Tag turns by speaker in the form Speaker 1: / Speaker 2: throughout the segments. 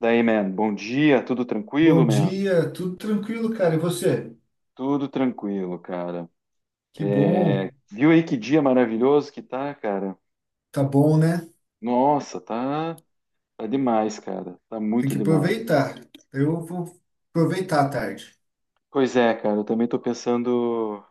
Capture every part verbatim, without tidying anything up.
Speaker 1: Daí, man, bom dia, tudo tranquilo,
Speaker 2: Bom
Speaker 1: man?
Speaker 2: dia, tudo tranquilo, cara. E você?
Speaker 1: Tudo tranquilo, cara.
Speaker 2: Que bom,
Speaker 1: É, viu aí que dia maravilhoso que tá, cara?
Speaker 2: tá bom, né?
Speaker 1: Nossa, tá, tá demais, cara. Tá
Speaker 2: Tem
Speaker 1: muito
Speaker 2: que
Speaker 1: demais.
Speaker 2: aproveitar. Eu vou aproveitar a tarde.
Speaker 1: Pois é, cara, eu também tô pensando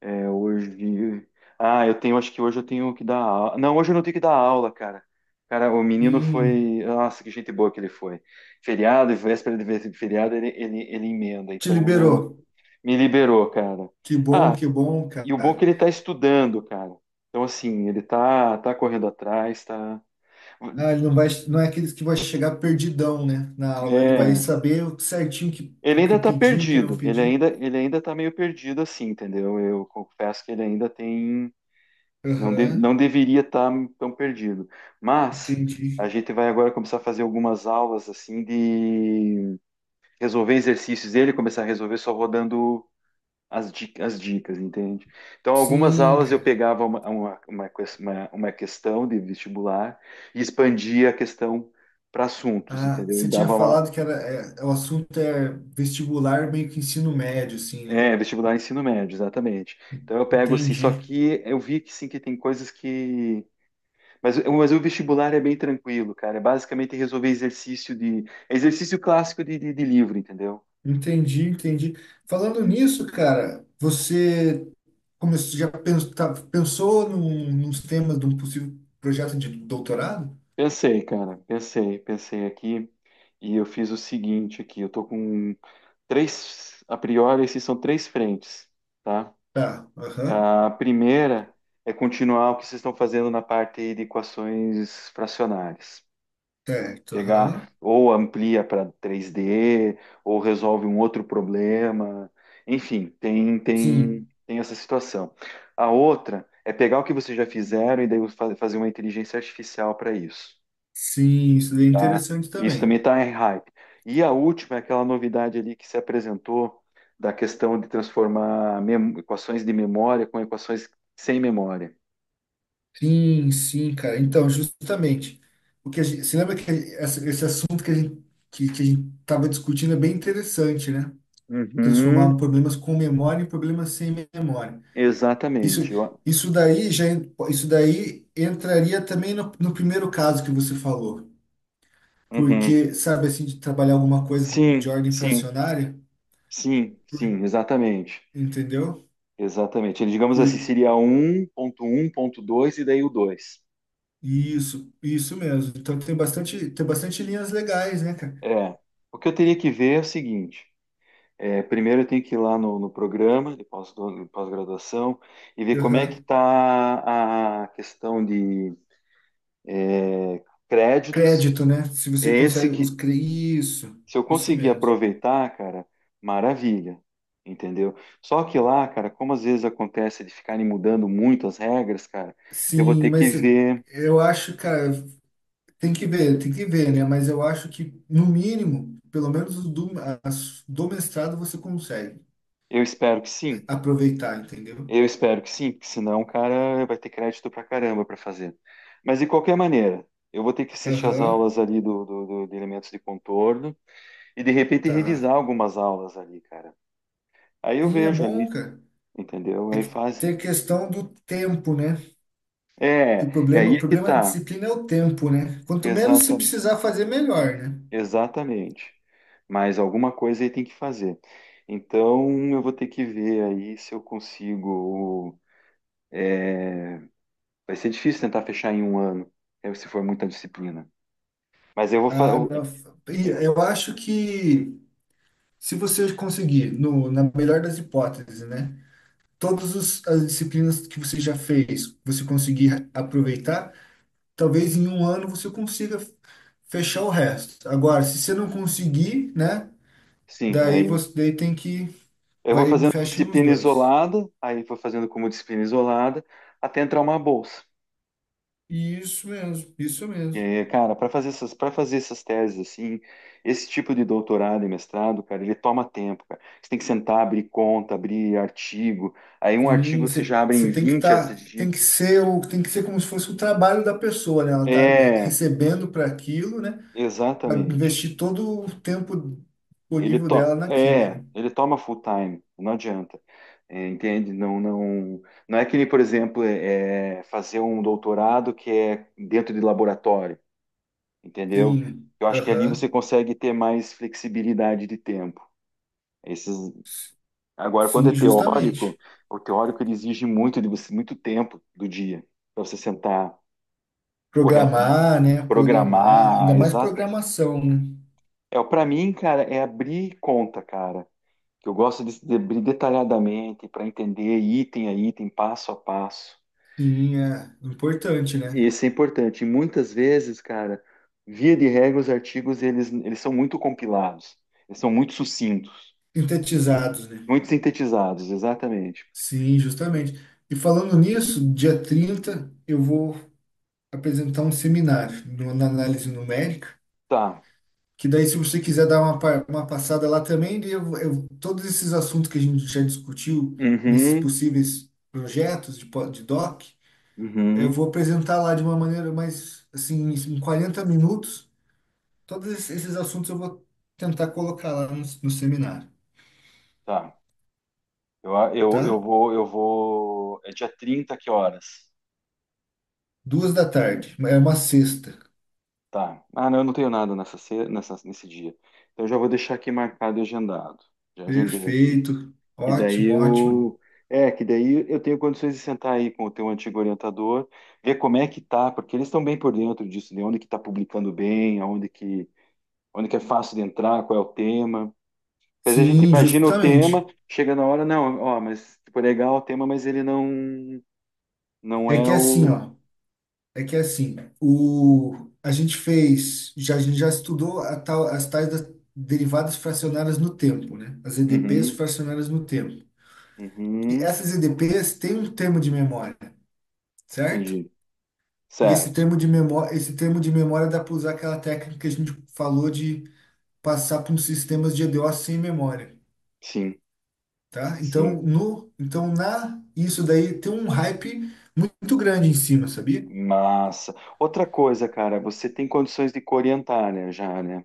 Speaker 1: é, hoje. Ah, eu tenho, acho que hoje eu tenho que dar aula. Não, hoje eu não tenho que dar aula, cara. Cara, o menino
Speaker 2: Sim,
Speaker 1: foi. Nossa, que gente boa que ele foi. Feriado e véspera de ve- feriado, ele, ele, ele emenda,
Speaker 2: te
Speaker 1: então não
Speaker 2: liberou.
Speaker 1: me liberou, cara.
Speaker 2: Que bom,
Speaker 1: Ah,
Speaker 2: que bom,
Speaker 1: e o bom é que
Speaker 2: cara.
Speaker 1: ele tá estudando, cara. Então, assim, ele tá, tá correndo atrás, tá.
Speaker 2: Ah, ele não vai, não é aqueles que vai chegar perdidão, né, na aula. Ele vai
Speaker 1: É,
Speaker 2: saber o certinho que,
Speaker 1: ele
Speaker 2: o que
Speaker 1: ainda tá
Speaker 2: pediu, o que não
Speaker 1: perdido. Ele
Speaker 2: pediu.
Speaker 1: ainda, ele ainda tá meio perdido, assim, entendeu? Eu confesso que ele ainda tem. Não, de-
Speaker 2: Aham,
Speaker 1: não deveria estar tão perdido. Mas a
Speaker 2: entendi.
Speaker 1: gente vai agora começar a fazer algumas aulas, assim, de resolver exercícios dele, começar a resolver só rodando as dicas, as dicas, entende? Então, algumas
Speaker 2: Sim,
Speaker 1: aulas eu
Speaker 2: cara.
Speaker 1: pegava uma, uma, uma, ques- uma- uma questão de vestibular e expandia a questão para assuntos,
Speaker 2: Ah,
Speaker 1: entendeu? E
Speaker 2: você tinha
Speaker 1: dava uma.
Speaker 2: falado que era, é, o assunto é vestibular, meio que ensino médio, assim, né?
Speaker 1: É, vestibular ensino médio, exatamente. Então eu pego assim, só
Speaker 2: Entendi.
Speaker 1: que eu vi que sim que tem coisas que. Mas, mas o vestibular é bem tranquilo, cara. É basicamente resolver exercício de. É exercício clássico de, de, de livro, entendeu?
Speaker 2: Entendi, entendi. Falando nisso, cara, você como já pensou, tá, pensou num, nos temas de um possível projeto de doutorado?
Speaker 1: Pensei, cara, pensei, pensei aqui e eu fiz o seguinte aqui, eu tô com três, a priori, esses são três frentes, tá?
Speaker 2: Tá, aham,
Speaker 1: A primeira é continuar o que vocês estão fazendo na parte de equações fracionárias.
Speaker 2: certo,
Speaker 1: Pegar
Speaker 2: aham.
Speaker 1: ou amplia para três dê ou resolve um outro problema, enfim, tem, tem,
Speaker 2: Sim,
Speaker 1: tem essa situação. A outra é pegar o que vocês já fizeram e daí fa- fazer uma inteligência artificial para isso.
Speaker 2: sim, isso daí é
Speaker 1: Tá?
Speaker 2: interessante
Speaker 1: Isso também
Speaker 2: também.
Speaker 1: está em hype. E a última é aquela novidade ali que se apresentou da questão de transformar mem- equações de memória com equações sem memória.
Speaker 2: Sim, sim, cara. Então, justamente, o que a gente, você lembra que essa- esse assunto que a gente, que, que a gente estava discutindo é bem interessante, né? Transformar
Speaker 1: Uhum.
Speaker 2: problemas com memória em problemas sem memória. Isso,
Speaker 1: Exatamente. Eu-
Speaker 2: isso daí já, en- isso daí entraria também no, no primeiro caso que você falou,
Speaker 1: Uhum.
Speaker 2: porque sabe assim de trabalhar alguma coisa de
Speaker 1: Sim,
Speaker 2: ordem
Speaker 1: sim,
Speaker 2: fracionária,
Speaker 1: sim,
Speaker 2: Por-
Speaker 1: sim, exatamente.
Speaker 2: entendeu?
Speaker 1: Exatamente. Ele, digamos assim,
Speaker 2: Por
Speaker 1: seria um, um, ponto um ponto dois e daí o dois.
Speaker 2: isso, isso mesmo. Então tem bastante, tem bastante linhas legais, né, cara?
Speaker 1: É. O que eu teria que ver é o seguinte. É, primeiro eu tenho que ir lá no, no programa de pós- de pós-graduação e ver como é que
Speaker 2: Aham.
Speaker 1: está a questão de créditos.
Speaker 2: Crédito, né? Se
Speaker 1: É
Speaker 2: você
Speaker 1: esse
Speaker 2: consegue os
Speaker 1: que,
Speaker 2: cre- isso,
Speaker 1: se eu
Speaker 2: isso
Speaker 1: conseguir
Speaker 2: mesmo.
Speaker 1: aproveitar, cara, maravilha, entendeu? Só que lá, cara, como às vezes acontece de ficarem mudando muito as regras, cara, eu vou
Speaker 2: Sim,
Speaker 1: ter que
Speaker 2: mas
Speaker 1: ver.
Speaker 2: eu acho, cara, tem que ver, tem que ver, né? Mas eu acho que, no mínimo, pelo menos o do, as- do mestrado você consegue
Speaker 1: Eu espero que sim,
Speaker 2: aproveitar, entendeu?
Speaker 1: eu espero que sim, porque senão, cara, vai ter crédito pra caramba para fazer. Mas de qualquer maneira, eu vou ter que assistir as
Speaker 2: Aham,
Speaker 1: aulas ali do, do, do- de elementos de contorno. E de repente
Speaker 2: tá.
Speaker 1: revisar algumas aulas ali, cara. Aí eu
Speaker 2: Sim, é
Speaker 1: vejo
Speaker 2: bom,
Speaker 1: ali,
Speaker 2: cara.
Speaker 1: entendeu?
Speaker 2: É
Speaker 1: Aí
Speaker 2: que
Speaker 1: faz.
Speaker 2: tem a questão do tempo, né? Que
Speaker 1: É,
Speaker 2: o
Speaker 1: é
Speaker 2: problema,
Speaker 1: aí
Speaker 2: o
Speaker 1: que
Speaker 2: problema da
Speaker 1: tá.
Speaker 2: disciplina é o tempo, né? Quanto menos você
Speaker 1: Exatamente.
Speaker 2: precisar fazer, melhor, né?
Speaker 1: Exatamente. Mas alguma coisa aí tem que fazer. Então eu vou ter que ver aí se eu consigo. é, Vai ser difícil tentar fechar em um ano, é, se for muita disciplina. Mas eu vou fa...
Speaker 2: Ah,
Speaker 1: eu-
Speaker 2: não. E
Speaker 1: é,
Speaker 2: eu acho que se você conseguir, no, na melhor das hipóteses, né? Todas os- as disciplinas que você já fez, você conseguir aproveitar. Talvez em um ano você consiga fechar o resto. Agora, se você não conseguir, né?
Speaker 1: sim,
Speaker 2: Daí
Speaker 1: aí
Speaker 2: você daí tem que
Speaker 1: eu vou
Speaker 2: vai
Speaker 1: fazendo
Speaker 2: fecha em uns
Speaker 1: disciplina
Speaker 2: dois.
Speaker 1: isolada, aí vou fazendo como disciplina isolada, até entrar uma bolsa.
Speaker 2: Isso mesmo, isso mesmo.
Speaker 1: É, cara, para fazer essas, para fazer essas teses assim, esse tipo de doutorado e mestrado, cara, ele toma tempo, cara. Você tem que sentar, abrir conta, abrir artigo. Aí um
Speaker 2: Sim,
Speaker 1: artigo você já abre em
Speaker 2: você tem que
Speaker 1: vinte
Speaker 2: estar,
Speaker 1: artigos.
Speaker 2: tem que ser o, tem que ser como se fosse o trabalho da pessoa, né? Ela está
Speaker 1: É,
Speaker 2: recebendo para aquilo, né? Para
Speaker 1: exatamente.
Speaker 2: investir todo o tempo
Speaker 1: Ele
Speaker 2: disponível
Speaker 1: to,
Speaker 2: dela naquilo,
Speaker 1: é,
Speaker 2: né?
Speaker 1: ele toma full time, não adianta. É, entende? Não, não, não é que nem, por exemplo, é, é fazer um doutorado que é dentro de laboratório, entendeu?
Speaker 2: Sim,
Speaker 1: Eu acho que ali
Speaker 2: aham,
Speaker 1: você consegue ter mais flexibilidade de tempo. Esses, Agora, quando é
Speaker 2: sim,
Speaker 1: teórico,
Speaker 2: justamente.
Speaker 1: o teórico ele exige muito de você, muito tempo do dia para você sentar correto,
Speaker 2: Programar, né? Programar, ainda
Speaker 1: programar,
Speaker 2: mais
Speaker 1: exato.
Speaker 2: programação, né?
Speaker 1: É, para mim, cara, é abrir conta, cara, que eu gosto de de abrir detalhadamente para entender item a item, passo a passo.
Speaker 2: Sim, é importante,
Speaker 1: E
Speaker 2: né?
Speaker 1: isso é importante. E muitas vezes, cara, via de regra, os artigos eles, eles são muito compilados, eles são muito sucintos,
Speaker 2: Sintetizados, né?
Speaker 1: muito sintetizados, exatamente.
Speaker 2: Sim, justamente. E falando nisso, dia trinta eu vou apresentar um seminário no- na análise numérica,
Speaker 1: Tá.
Speaker 2: que daí se você quiser dar uma, pa- uma passada lá também, daí eu, eu- todos esses assuntos que a gente já discutiu nesses
Speaker 1: Uhum,
Speaker 2: possíveis projetos de, po- de doc, eu
Speaker 1: uhum,
Speaker 2: vou apresentar lá de uma maneira mais, assim, em quarenta minutos, todos esses assuntos eu vou tentar colocar lá no no seminário,
Speaker 1: tá. Eu, a- eu, eu
Speaker 2: tá?
Speaker 1: vou, eu vou. É dia trinta que horas?
Speaker 2: Duas da tarde. É uma sexta.
Speaker 1: Tá. Ah, não, eu não tenho nada nessa, ce- nessa, nesse dia. Então eu já vou deixar aqui marcado e agendado. Já agendei aqui.
Speaker 2: Perfeito.
Speaker 1: E daí
Speaker 2: Ótimo, ótimo.
Speaker 1: eu. É, que daí eu tenho condições de sentar aí com o teu antigo orientador, ver como é que tá, porque eles estão bem por dentro disso, de onde que tá publicando bem, aonde que, onde que é fácil de entrar, qual é o tema. Às vezes a gente
Speaker 2: Sim,
Speaker 1: imagina o tema,
Speaker 2: justamente.
Speaker 1: chega na hora, não, ó, mas tipo, legal o tema, mas ele não, não
Speaker 2: É
Speaker 1: é
Speaker 2: que é assim,
Speaker 1: o.
Speaker 2: ó. É que é assim, o, a gente fez, já, a gente já estudou a tal, as tais das derivadas fracionárias no tempo, né? As E D Pês
Speaker 1: Uhum.
Speaker 2: fracionárias no tempo. E
Speaker 1: Uhum,
Speaker 2: essas E D Pês têm um termo de memória, certo?
Speaker 1: entendi.
Speaker 2: E esse
Speaker 1: Certo.
Speaker 2: termo de memória, esse termo de memória dá para usar aquela técnica que a gente falou de passar por sistemas de E D O sem memória.
Speaker 1: Sim,
Speaker 2: Tá?
Speaker 1: sim.
Speaker 2: Então, no, então na isso daí tem um hype muito grande em cima, sabia?
Speaker 1: Massa. Outra coisa, cara, você tem condições de orientar, né, já, né?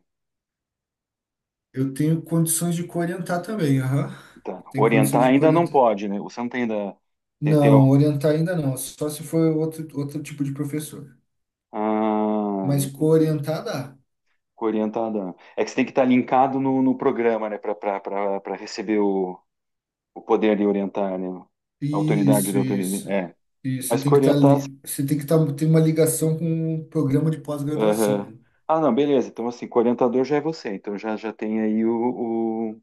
Speaker 2: Eu tenho condições de orientar também, aham.
Speaker 1: Tá.
Speaker 2: Tenho
Speaker 1: Orientar
Speaker 2: condições de
Speaker 1: ainda não
Speaker 2: orientar.
Speaker 1: pode, né? Você não tem ainda... Tem, tem, o-
Speaker 2: Não, orientar ainda não, só se for outro, outro, tipo de professor.
Speaker 1: ah,
Speaker 2: Mas coorientar dá.
Speaker 1: orientada. É que você tem que estar linkado no, no programa, né? Para receber o, o poder de orientar, né? A autoridade
Speaker 2: Isso,
Speaker 1: de autoridade.
Speaker 2: isso.
Speaker 1: É.
Speaker 2: Isso, você
Speaker 1: Mas que
Speaker 2: tem que estar ali você tem que estar tem uma ligação com o programa de pós-graduação,
Speaker 1: aham.
Speaker 2: né?
Speaker 1: Ah, não, beleza. Então, assim, que já é você. Então, já, já tem aí o...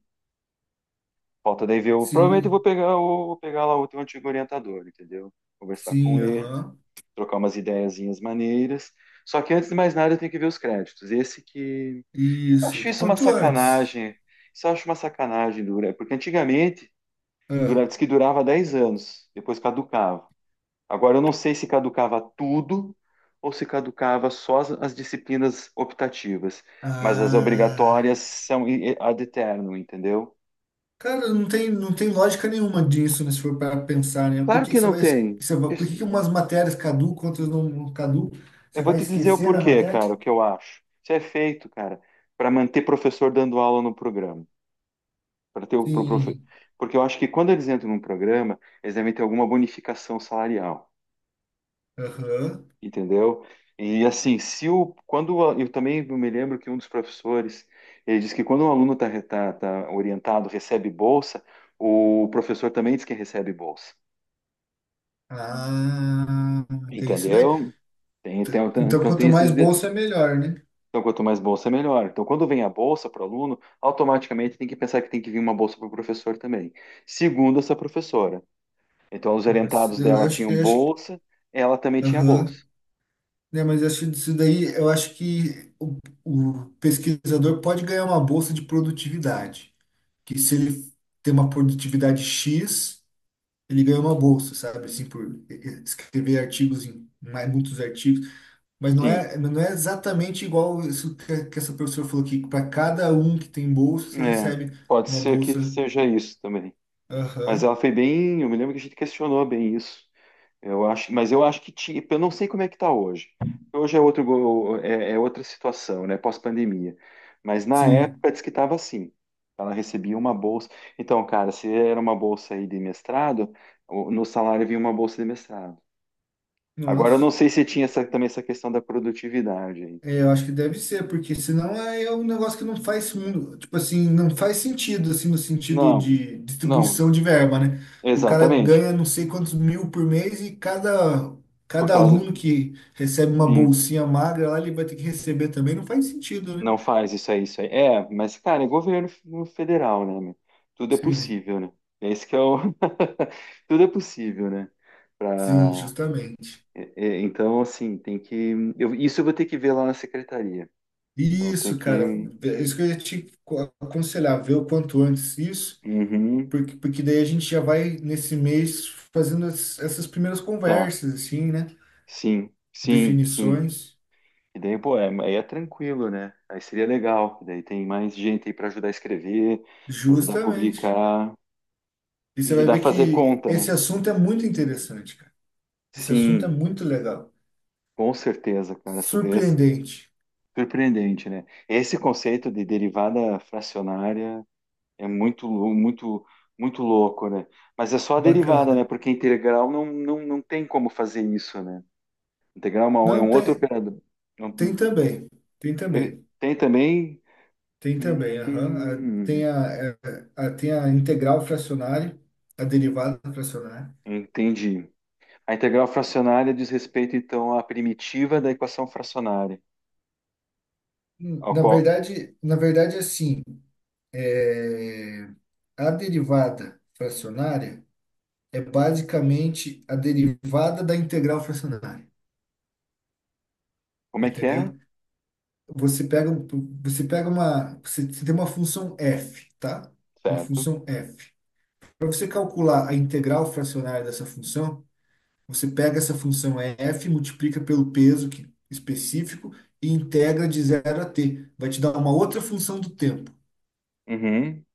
Speaker 1: Falta daí ver. o- Provavelmente eu vou
Speaker 2: Sim,
Speaker 1: pegar o vou pegar lá o teu antigo orientador, entendeu? Conversar com
Speaker 2: sim,
Speaker 1: ele,
Speaker 2: aham.
Speaker 1: trocar umas ideiazinhas maneiras. Só que antes de mais nada eu tenho que ver os créditos. Esse que. Acho
Speaker 2: Isso.
Speaker 1: isso uma
Speaker 2: Quanto antes.
Speaker 1: sacanagem. Isso eu acho uma sacanagem, dura. Porque antigamente
Speaker 2: Ah.
Speaker 1: dura... diz que durava dez anos, depois caducava. Agora eu não sei se caducava tudo ou se caducava só as, as disciplinas optativas. Mas as
Speaker 2: Ah.
Speaker 1: obrigatórias são i- ad eternum, entendeu?
Speaker 2: Cara, não tem, não tem lógica nenhuma disso, né, se for para pensar, né? Por
Speaker 1: Claro
Speaker 2: que que
Speaker 1: que
Speaker 2: você
Speaker 1: não
Speaker 2: vai, es-
Speaker 1: tem.
Speaker 2: você vai- por que que umas matérias caducam, outras não, não caducam?
Speaker 1: Eu
Speaker 2: Você
Speaker 1: vou
Speaker 2: vai
Speaker 1: te dizer o
Speaker 2: esquecer da
Speaker 1: porquê,
Speaker 2: matéria?
Speaker 1: cara, o que eu acho. Isso é feito, cara, para manter professor dando aula no programa, para ter o pro profe-
Speaker 2: Sim.
Speaker 1: porque eu acho que quando eles entram num programa, eles devem ter alguma bonificação salarial,
Speaker 2: Aham.
Speaker 1: entendeu? E assim, se o quando o a- eu também me lembro que um dos professores ele disse que quando um aluno está tá, tá tá orientado recebe bolsa, o professor também diz que recebe bolsa,
Speaker 2: Ah, tem isso daí.
Speaker 1: entendeu? Tem,
Speaker 2: T-
Speaker 1: tem-
Speaker 2: Então,
Speaker 1: então tem
Speaker 2: quanto mais
Speaker 1: esses de-
Speaker 2: bolsa, é melhor, né?
Speaker 1: Então, quanto mais bolsa, é melhor. Então, quando vem a bolsa para o aluno, automaticamente tem que pensar que tem que vir uma bolsa para o professor também. Segundo essa professora. Então, os
Speaker 2: Ah, mas
Speaker 1: orientados
Speaker 2: eu
Speaker 1: dela
Speaker 2: acho que,
Speaker 1: tinham
Speaker 2: eu acho que,
Speaker 1: bolsa, ela também tinha bolsa.
Speaker 2: aham. Né, mas eu acho que isso daí, eu acho que o, o pesquisador pode ganhar uma bolsa de produtividade, que se ele tem uma produtividade X. Ele ganhou uma bolsa, sabe, assim, por eh, eh, escrever artigos em mais, muitos artigos, mas não
Speaker 1: Sim,
Speaker 2: é, não é exatamente igual isso que, que essa professora falou aqui, que para cada um que tem bolsa, você
Speaker 1: é,
Speaker 2: recebe
Speaker 1: pode
Speaker 2: uma
Speaker 1: ser que
Speaker 2: bolsa.
Speaker 1: seja isso também. Mas
Speaker 2: Aham,
Speaker 1: ela foi bem. Eu me lembro que a gente questionou bem isso. Eu acho, mas eu acho que tinha, eu não sei como é que está hoje. Hoje é outro, go- é, é outra situação, né? Pós-pandemia. Mas na
Speaker 2: sim,
Speaker 1: época diz que estava assim. Ela recebia uma bolsa. Então, cara, se era uma bolsa aí de mestrado, o- no salário vinha uma bolsa de mestrado. Agora eu
Speaker 2: nossa.
Speaker 1: não sei se tinha essa- também essa questão da produtividade aí.
Speaker 2: É, eu acho que deve ser, porque senão é é um negócio que não faz mundo, tipo assim, não faz sentido, assim, no sentido
Speaker 1: Não,
Speaker 2: de distribuição
Speaker 1: não,
Speaker 2: de verba, né? O cara
Speaker 1: exatamente.
Speaker 2: ganha não sei quantos mil por mês e cada,
Speaker 1: Por
Speaker 2: cada
Speaker 1: causa,
Speaker 2: aluno que recebe uma
Speaker 1: sim.
Speaker 2: bolsinha magra lá, ele vai ter que receber também, não faz sentido, né?
Speaker 1: Não faz isso aí, isso aí. É, mas, cara, é governo f- no federal, né, meu? Tudo é
Speaker 2: Sim,
Speaker 1: possível, né? É isso que é o... Tudo é possível, né?
Speaker 2: sim,
Speaker 1: Pra...
Speaker 2: justamente.
Speaker 1: é- é, então, assim, tem que... eu- isso eu vou ter que ver lá na secretaria. Então, tem
Speaker 2: Isso, cara,
Speaker 1: que...
Speaker 2: é isso que eu ia te co- aconselhar, ver o quanto antes isso,
Speaker 1: Uhum,
Speaker 2: porque, porque daí a gente já vai nesse mês fazendo as- essas primeiras
Speaker 1: tá.
Speaker 2: conversas, assim, né?
Speaker 1: Sim, sim, sim.
Speaker 2: Definições.
Speaker 1: E daí, pô, é- aí é tranquilo, né? Aí seria legal. E daí tem mais gente aí pra ajudar a escrever, pra ajudar a
Speaker 2: Justamente.
Speaker 1: publicar,
Speaker 2: E
Speaker 1: e
Speaker 2: você vai
Speaker 1: ajudar a
Speaker 2: ver
Speaker 1: fazer
Speaker 2: que
Speaker 1: conta,
Speaker 2: esse
Speaker 1: né?
Speaker 2: assunto é muito interessante, cara. Esse assunto é
Speaker 1: Sim,
Speaker 2: muito legal.
Speaker 1: com certeza, cara. Essa ideia.
Speaker 2: Surpreendente.
Speaker 1: Surpreendente, né? Esse conceito de derivada fracionária é muito, lou- muito, muito louco, né? Mas é só a derivada, né?
Speaker 2: Bacana.
Speaker 1: Porque integral não, não, não tem como fazer isso, né? Integral é uma- é
Speaker 2: Não,
Speaker 1: um outro
Speaker 2: tem,
Speaker 1: operador.
Speaker 2: tem
Speaker 1: Não-
Speaker 2: também. Tem
Speaker 1: Ele
Speaker 2: também.
Speaker 1: tem também.
Speaker 2: Tem também. Aham. A-
Speaker 1: Hum,
Speaker 2: Tem a, a, a- tem a integral fracionária, a derivada fracionária.
Speaker 1: entendi. A integral fracionária diz respeito, então, à primitiva da equação fracionária.
Speaker 2: Hum,
Speaker 1: Ao
Speaker 2: Na
Speaker 1: qual...
Speaker 2: verdade, na verdade, assim, é, a derivada fracionária é basicamente a derivada da integral fracionária.
Speaker 1: Como é que é?
Speaker 2: Entendeu? Você pega, um- você pega uma, você tem uma função f, tá? Uma
Speaker 1: Certo.
Speaker 2: função f. Para você calcular a integral fracionária dessa função, você pega essa função f, multiplica pelo peso que- específico e integra de zero a t. Vai te dar uma outra função do tempo,
Speaker 1: Uhum.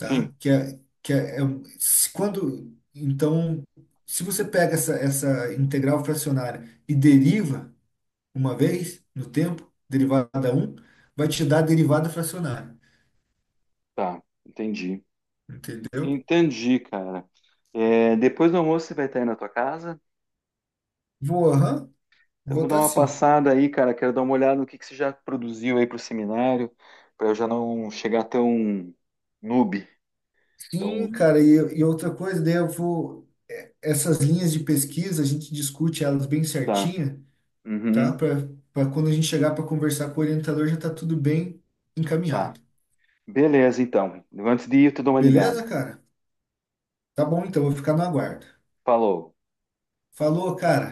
Speaker 1: Sim,
Speaker 2: Que é, que é, é um- se- quando, Então, se você pega essa, essa integral fracionária e deriva uma vez no tempo, derivada um vai te dar a derivada fracionária.
Speaker 1: tá. Entendi.
Speaker 2: Entendeu?
Speaker 1: Entendi, cara. É, depois do almoço você vai estar aí na tua casa?
Speaker 2: Vou, aham,
Speaker 1: Então eu
Speaker 2: vou
Speaker 1: vou dar
Speaker 2: estar
Speaker 1: uma
Speaker 2: sim.
Speaker 1: passada aí, cara. Quero dar uma olhada no que que você já produziu aí pro seminário, para eu já não chegar tão noob.
Speaker 2: Sim,
Speaker 1: Então,
Speaker 2: cara, e, e outra coisa, daí eu vou. Essas linhas de pesquisa, a gente discute elas bem
Speaker 1: tá.
Speaker 2: certinha, tá?
Speaker 1: Uhum,
Speaker 2: Para para quando a gente chegar para conversar com o orientador, já tá tudo bem
Speaker 1: tá.
Speaker 2: encaminhado.
Speaker 1: Beleza, então. Antes de ir, eu te dou uma ligada.
Speaker 2: Beleza, cara? Tá bom, então, vou ficar no aguardo.
Speaker 1: Falou.
Speaker 2: Falou, cara.